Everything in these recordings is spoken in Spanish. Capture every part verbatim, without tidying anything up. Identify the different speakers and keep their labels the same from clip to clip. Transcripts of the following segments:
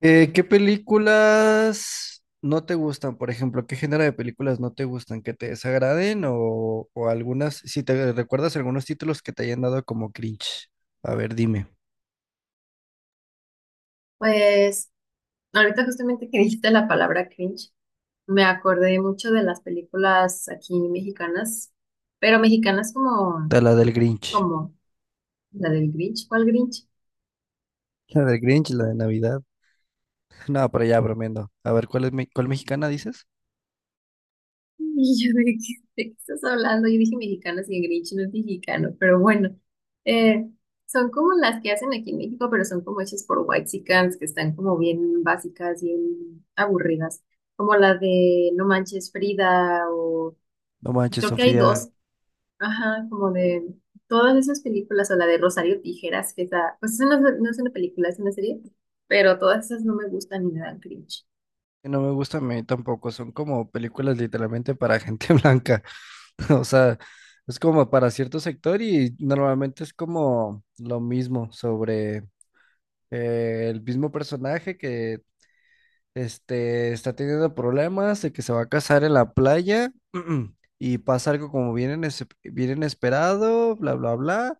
Speaker 1: Eh, ¿qué películas no te gustan? Por ejemplo, ¿qué género de películas no te gustan? ¿Que te desagraden o, o algunas, si te recuerdas algunos títulos que te hayan dado como cringe? A ver, dime.
Speaker 2: Pues ahorita justamente que dijiste la palabra cringe, me acordé mucho de las películas aquí mexicanas, pero mexicanas como,
Speaker 1: De la del Grinch.
Speaker 2: como la del Grinch. ¿Cuál Grinch?
Speaker 1: La del Grinch, la de Navidad. No, pero ya bromeando. A ver, ¿cuál es mi- cuál mexicana dices?
Speaker 2: Y yo de qué, de qué estás hablando, yo dije mexicanas y el Grinch no es mexicano, pero bueno, eh, son como las que hacen aquí en México, pero son como hechas por whitexicans, que están como bien básicas, bien aburridas, como la de No Manches Frida o
Speaker 1: No manches,
Speaker 2: creo que hay
Speaker 1: Sofía.
Speaker 2: dos. Ajá, como de todas esas películas, o la de Rosario Tijeras, que está, pues esa no, es no es una película, es una serie, pero todas esas no me gustan ni me dan cringe.
Speaker 1: No me gustan a mí tampoco. Son como películas literalmente para gente blanca. O sea, es como para cierto sector y normalmente es como lo mismo sobre. Eh, el mismo personaje que este, está teniendo problemas de que se va a casar en la playa y pasa algo como bien, ines- bien inesperado, bla, bla, bla,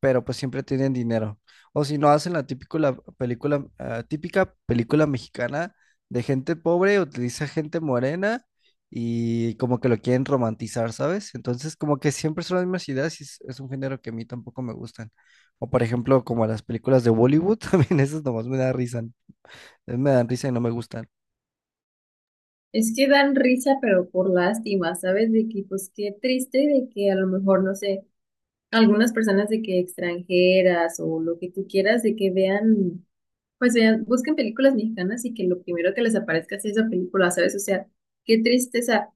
Speaker 1: pero pues siempre tienen dinero. O si no, hacen la típico, la película, ah, típica película mexicana de gente pobre, utiliza gente morena y como que lo quieren romantizar, ¿sabes? Entonces, como que siempre son las mismas ideas y es, es un género que a mí tampoco me gustan. O por ejemplo, como las películas de Bollywood, también esas nomás me dan risa, me dan risa y no me gustan.
Speaker 2: Es que dan risa, pero por lástima, ¿sabes? De que, pues qué triste de que a lo mejor, no sé, algunas personas de que extranjeras o lo que tú quieras, de que vean, pues vean, busquen películas mexicanas y que lo primero que les aparezca sea esa película, ¿sabes? O sea, qué tristeza.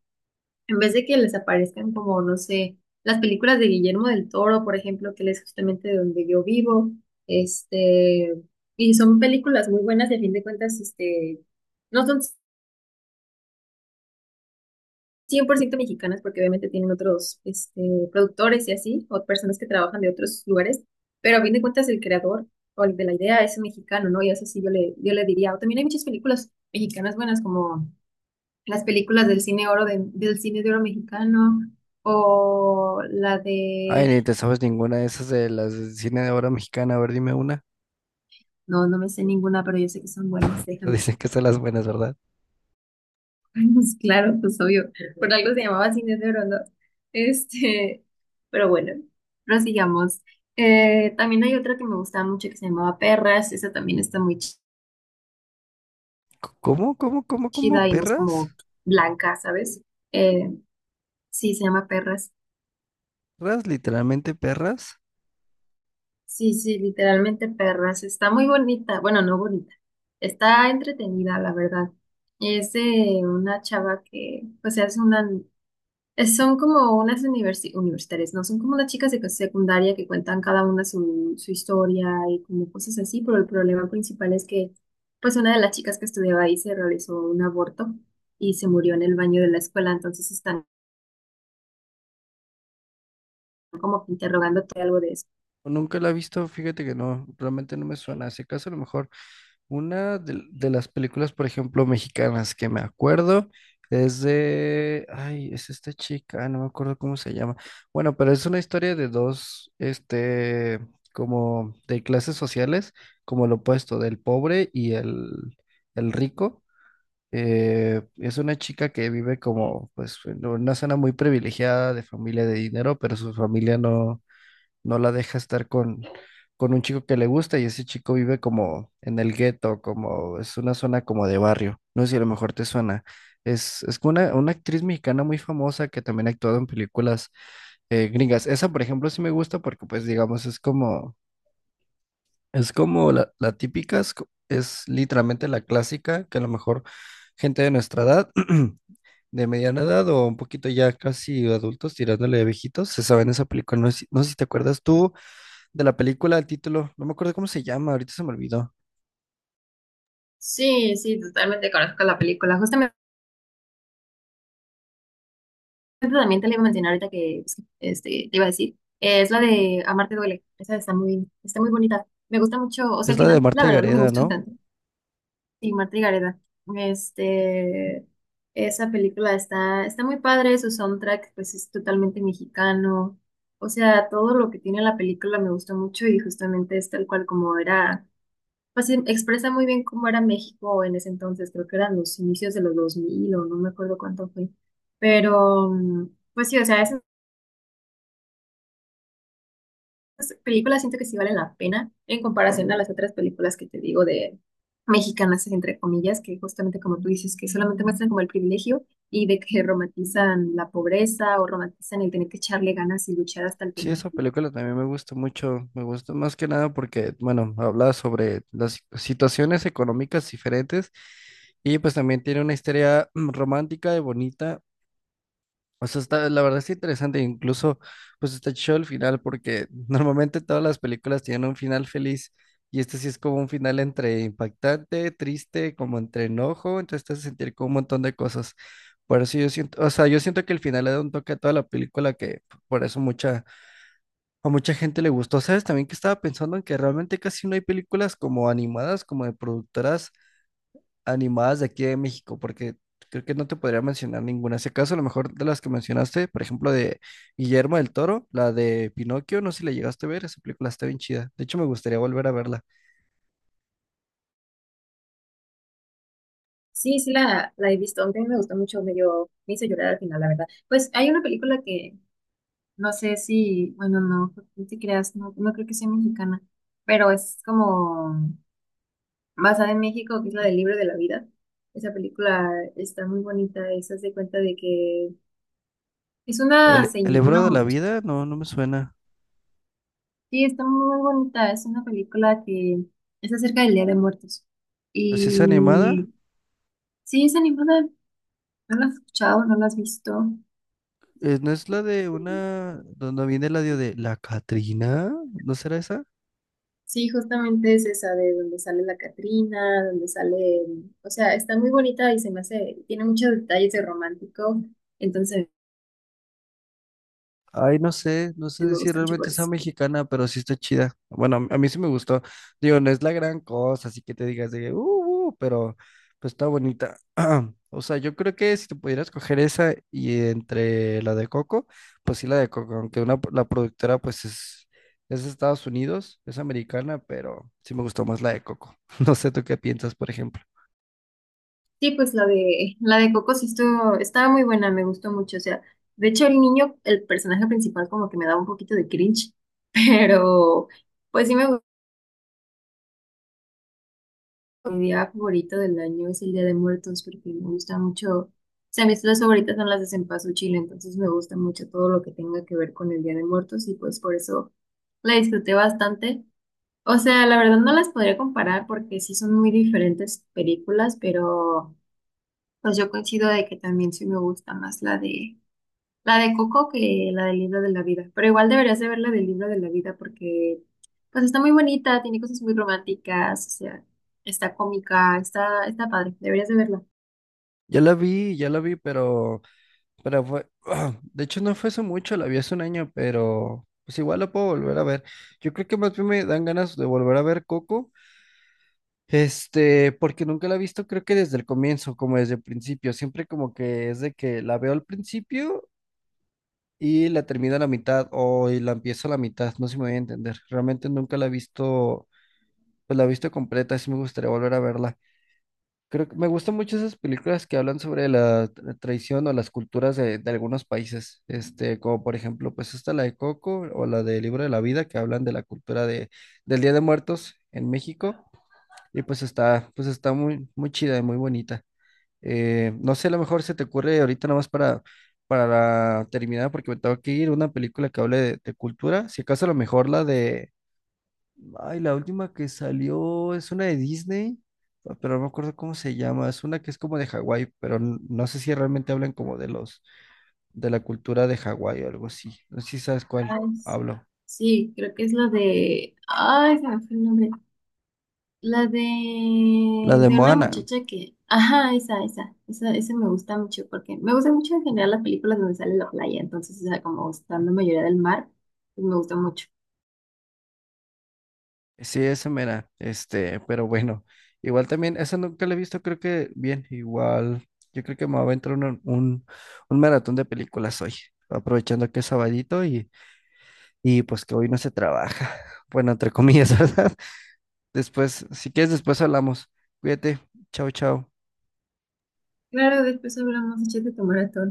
Speaker 2: En vez de que les aparezcan como, no sé, las películas de Guillermo del Toro, por ejemplo, que él es justamente de donde yo vivo, este, y son películas muy buenas, y a fin de cuentas, este, no son cien por ciento mexicanas porque obviamente tienen otros, este, productores y así, o personas que trabajan de otros lugares, pero a fin de cuentas el creador o el de la idea es mexicano, ¿no? Y eso sí yo le, yo le diría, o también hay muchas películas mexicanas buenas como las películas del cine oro de- del cine de oro mexicano o la
Speaker 1: Ay,
Speaker 2: de
Speaker 1: ni te sabes ninguna de esas de las de cine de obra mexicana. A ver, dime una.
Speaker 2: no, no me sé ninguna, pero yo sé que son buenas,
Speaker 1: Pero
Speaker 2: déjame.
Speaker 1: dicen que son las buenas, ¿verdad?
Speaker 2: Pues claro, pues obvio, por algo se llamaba cine de oro, ¿no? Este, pero bueno, prosigamos. Eh, también hay otra que me gustaba mucho que se llamaba Perras, esa también está muy ch-
Speaker 1: C- ¿Cómo, cómo, cómo, cómo?
Speaker 2: chida y no es
Speaker 1: ¿Perras?
Speaker 2: como blanca, ¿sabes? Eh, sí, se llama Perras.
Speaker 1: ¿Perras? ¿Literalmente perras?
Speaker 2: Sí, sí, literalmente perras. Está muy bonita. Bueno, no bonita. Está entretenida, la verdad. Es de una chava que, pues, es una, es- son como unas universi- universitarias, ¿no? Son como unas chicas de secundaria que cuentan cada una su, su historia y como cosas así, pero el problema principal es que, pues, una de las chicas que estudiaba ahí se realizó un aborto y se murió en el baño de la escuela, entonces están como que interrogándote algo de eso.
Speaker 1: Nunca la he visto, fíjate que no, realmente no me suena. Si acaso a lo mejor una de, de las películas, por ejemplo, mexicanas que me acuerdo es de, ay, es esta chica, no me acuerdo cómo se llama. Bueno, pero es una historia de dos, este, como de clases sociales, como lo opuesto, del pobre y el, el rico. Eh, es una chica que vive como, pues, en una zona muy privilegiada de familia de dinero, pero su familia no no la deja estar con, con un chico que le gusta y ese chico vive como en el gueto, como es una zona como de barrio. No sé si a lo mejor te suena. Es, es como una, una actriz mexicana muy famosa que también ha actuado en películas eh, gringas. Esa, por ejemplo, sí me gusta porque, pues, digamos, es como, es como la, la típica, es, co- es literalmente la clásica, que a lo mejor gente de nuestra edad, de mediana edad o un poquito ya casi adultos tirándole de viejitos, se saben esa película. No sé, si- no sé si te acuerdas tú de la película, el título, no me acuerdo cómo se llama, ahorita se me olvidó.
Speaker 2: Sí, sí, totalmente conozco la película. Justamente ejemplo, también te le iba a mencionar ahorita que este, te iba a decir, eh, es la de Amarte duele. Esa está muy, está muy bonita. Me gusta mucho, o sea,
Speaker 1: Es
Speaker 2: al
Speaker 1: la de
Speaker 2: final, la
Speaker 1: Marta y
Speaker 2: verdad, no me
Speaker 1: Gareda,
Speaker 2: gustó
Speaker 1: ¿no?
Speaker 2: tanto. Sí, Marta y Gareda. Este, esa película está, está muy padre, su soundtrack, pues es totalmente mexicano. O sea, todo lo que tiene la película me gustó mucho y justamente es tal cual como era, pues em- expresa muy bien cómo era México en ese entonces, creo que eran los inicios de los dos mil o no me acuerdo cuánto fue. Pero, mm, pues sí, o sea, es películas siento que sí valen la pena en comparación a las otras películas que te digo de mexicanas, entre comillas, que justamente como tú dices, que solamente muestran como el privilegio y de que romantizan la pobreza o romantizan el tener que echarle ganas y luchar hasta el
Speaker 1: Sí,
Speaker 2: final.
Speaker 1: esa película también me gusta mucho, me gusta más que nada porque, bueno, habla sobre las situaciones económicas diferentes y pues también tiene una historia mm, romántica y bonita. O sea, está, la verdad es interesante, incluso pues está chido el final porque normalmente todas las películas tienen un final feliz y este sí es como un final entre impactante, triste, como entre enojo, entonces te hace sentir como un montón de cosas. Por eso yo siento, o sea, yo siento que el final le da un toque a toda la película que por eso mucha, a mucha gente le gustó. ¿Sabes? También que estaba pensando en que realmente casi no hay películas como animadas, como de productoras animadas de aquí de México, porque creo que no te podría mencionar ninguna. Si acaso, a lo mejor de las que mencionaste, por ejemplo, de Guillermo del Toro, la de Pinocchio, no sé si la llegaste a ver, esa película está bien chida. De hecho, me gustaría volver a verla.
Speaker 2: Sí, sí, la, la he visto. A mí me gustó mucho, me dio, me hizo llorar al final, la verdad. Pues hay una película que no sé si, bueno, no, no te creas, no, no creo que sea mexicana, pero es como basada en México, que es la del libro de la vida. Esa película está muy bonita, es, haz de cuenta de que es una,
Speaker 1: El, el
Speaker 2: señ- una
Speaker 1: Ebro de la
Speaker 2: mucha.
Speaker 1: Vida, no, no me suena.
Speaker 2: Sí, está muy bonita, es una película que es acerca del Día de Muertos.
Speaker 1: Pero si es animada,
Speaker 2: Y sí, es animada, no la has escuchado, no la has visto.
Speaker 1: eh, ¿no es la de una, donde viene el audio de la Catrina? ¿No será esa?
Speaker 2: Sí, justamente es esa de donde sale la Catrina, donde sale, o sea, está muy bonita y se me hace, tiene muchos detalles de romántico, entonces
Speaker 1: Ay, no sé, no sé
Speaker 2: me
Speaker 1: si
Speaker 2: gusta mucho por
Speaker 1: realmente sea
Speaker 2: eso.
Speaker 1: mexicana, pero sí está chida. Bueno, a mí a mí sí me gustó. Digo, no es la gran cosa, así que te digas de, que, uh, uh", pero pues está bonita. O sea, yo creo que si te pudieras coger esa y entre la de Coco, pues sí la de Coco, aunque una, la productora pues es, es de Estados Unidos, es americana, pero sí me gustó más la de Coco. No sé tú qué piensas, por ejemplo.
Speaker 2: Sí, pues la de la de Coco sí estuvo, estaba muy buena, me gustó mucho. O sea, de hecho el niño, el personaje principal como que me daba un poquito de cringe, pero pues sí me gustó. Mi día favorito del año es el Día de Muertos porque me gusta mucho. O sea, mis tres favoritas son las de Cempasúchil, Chile, entonces me gusta mucho todo lo que tenga que ver con el Día de Muertos y pues por eso la disfruté bastante. O sea, la verdad no las podría comparar porque sí son muy diferentes películas, pero pues yo coincido de que también sí me gusta más la de La de Coco que la del libro de la vida. Pero igual deberías de ver la del libro de la vida porque pues está muy bonita, tiene cosas muy románticas, o sea, está cómica, está, está padre, deberías de verla.
Speaker 1: Ya la vi, ya la vi, pero... Pero fue, de hecho no fue hace mucho, la vi hace un año, pero pues igual la puedo volver a ver. Yo creo que más bien me dan ganas de volver a ver Coco, este, porque nunca la he visto, creo que desde el comienzo, como desde el principio, siempre como que es de que la veo al principio y la termino a la mitad o y la empiezo a la mitad, no sé si me voy a entender. Realmente nunca la he visto, pues la he visto completa, sí me gustaría volver a verla. Creo que me gustan mucho esas películas que hablan sobre la tra- traición o las culturas de, de algunos países, este, como por ejemplo, pues esta la de Coco o la de Libro de la Vida, que hablan de la cultura de, del Día de Muertos en México, y pues está, pues está muy, muy chida y muy bonita. Eh, no sé, a lo mejor se te ocurre ahorita nomás para, para terminar, porque me tengo que ir, una película que hable de, de cultura, si acaso a lo mejor la de... Ay, la última que salió es una de Disney, ah, pero no me acuerdo cómo se llama. Es una que es como de Hawái, pero n- no sé si realmente hablan como de los, de la cultura de Hawái o algo así. No sé si sabes cuál
Speaker 2: Ay, s-
Speaker 1: hablo.
Speaker 2: sí, creo que es la de... Ay, se me fue el nombre. La de...
Speaker 1: La de
Speaker 2: de una
Speaker 1: Moana.
Speaker 2: muchacha que... Ajá, esa, esa, esa, esa me gusta mucho porque me gusta mucho en general las películas donde sale la playa, entonces, o sea, como está la mayoría del mar, pues me gusta mucho.
Speaker 1: Sí, esa mera. Este, pero bueno. Igual también, esa nunca la he visto, creo que bien, igual. Yo creo que me va a entrar un, un, un maratón de películas hoy, aprovechando que es sabadito y, y pues que hoy no se trabaja. Bueno, entre comillas, ¿verdad? Después, si quieres, después hablamos. Cuídate. Chao, chao.
Speaker 2: Claro, después hablamos, échate tu maratón.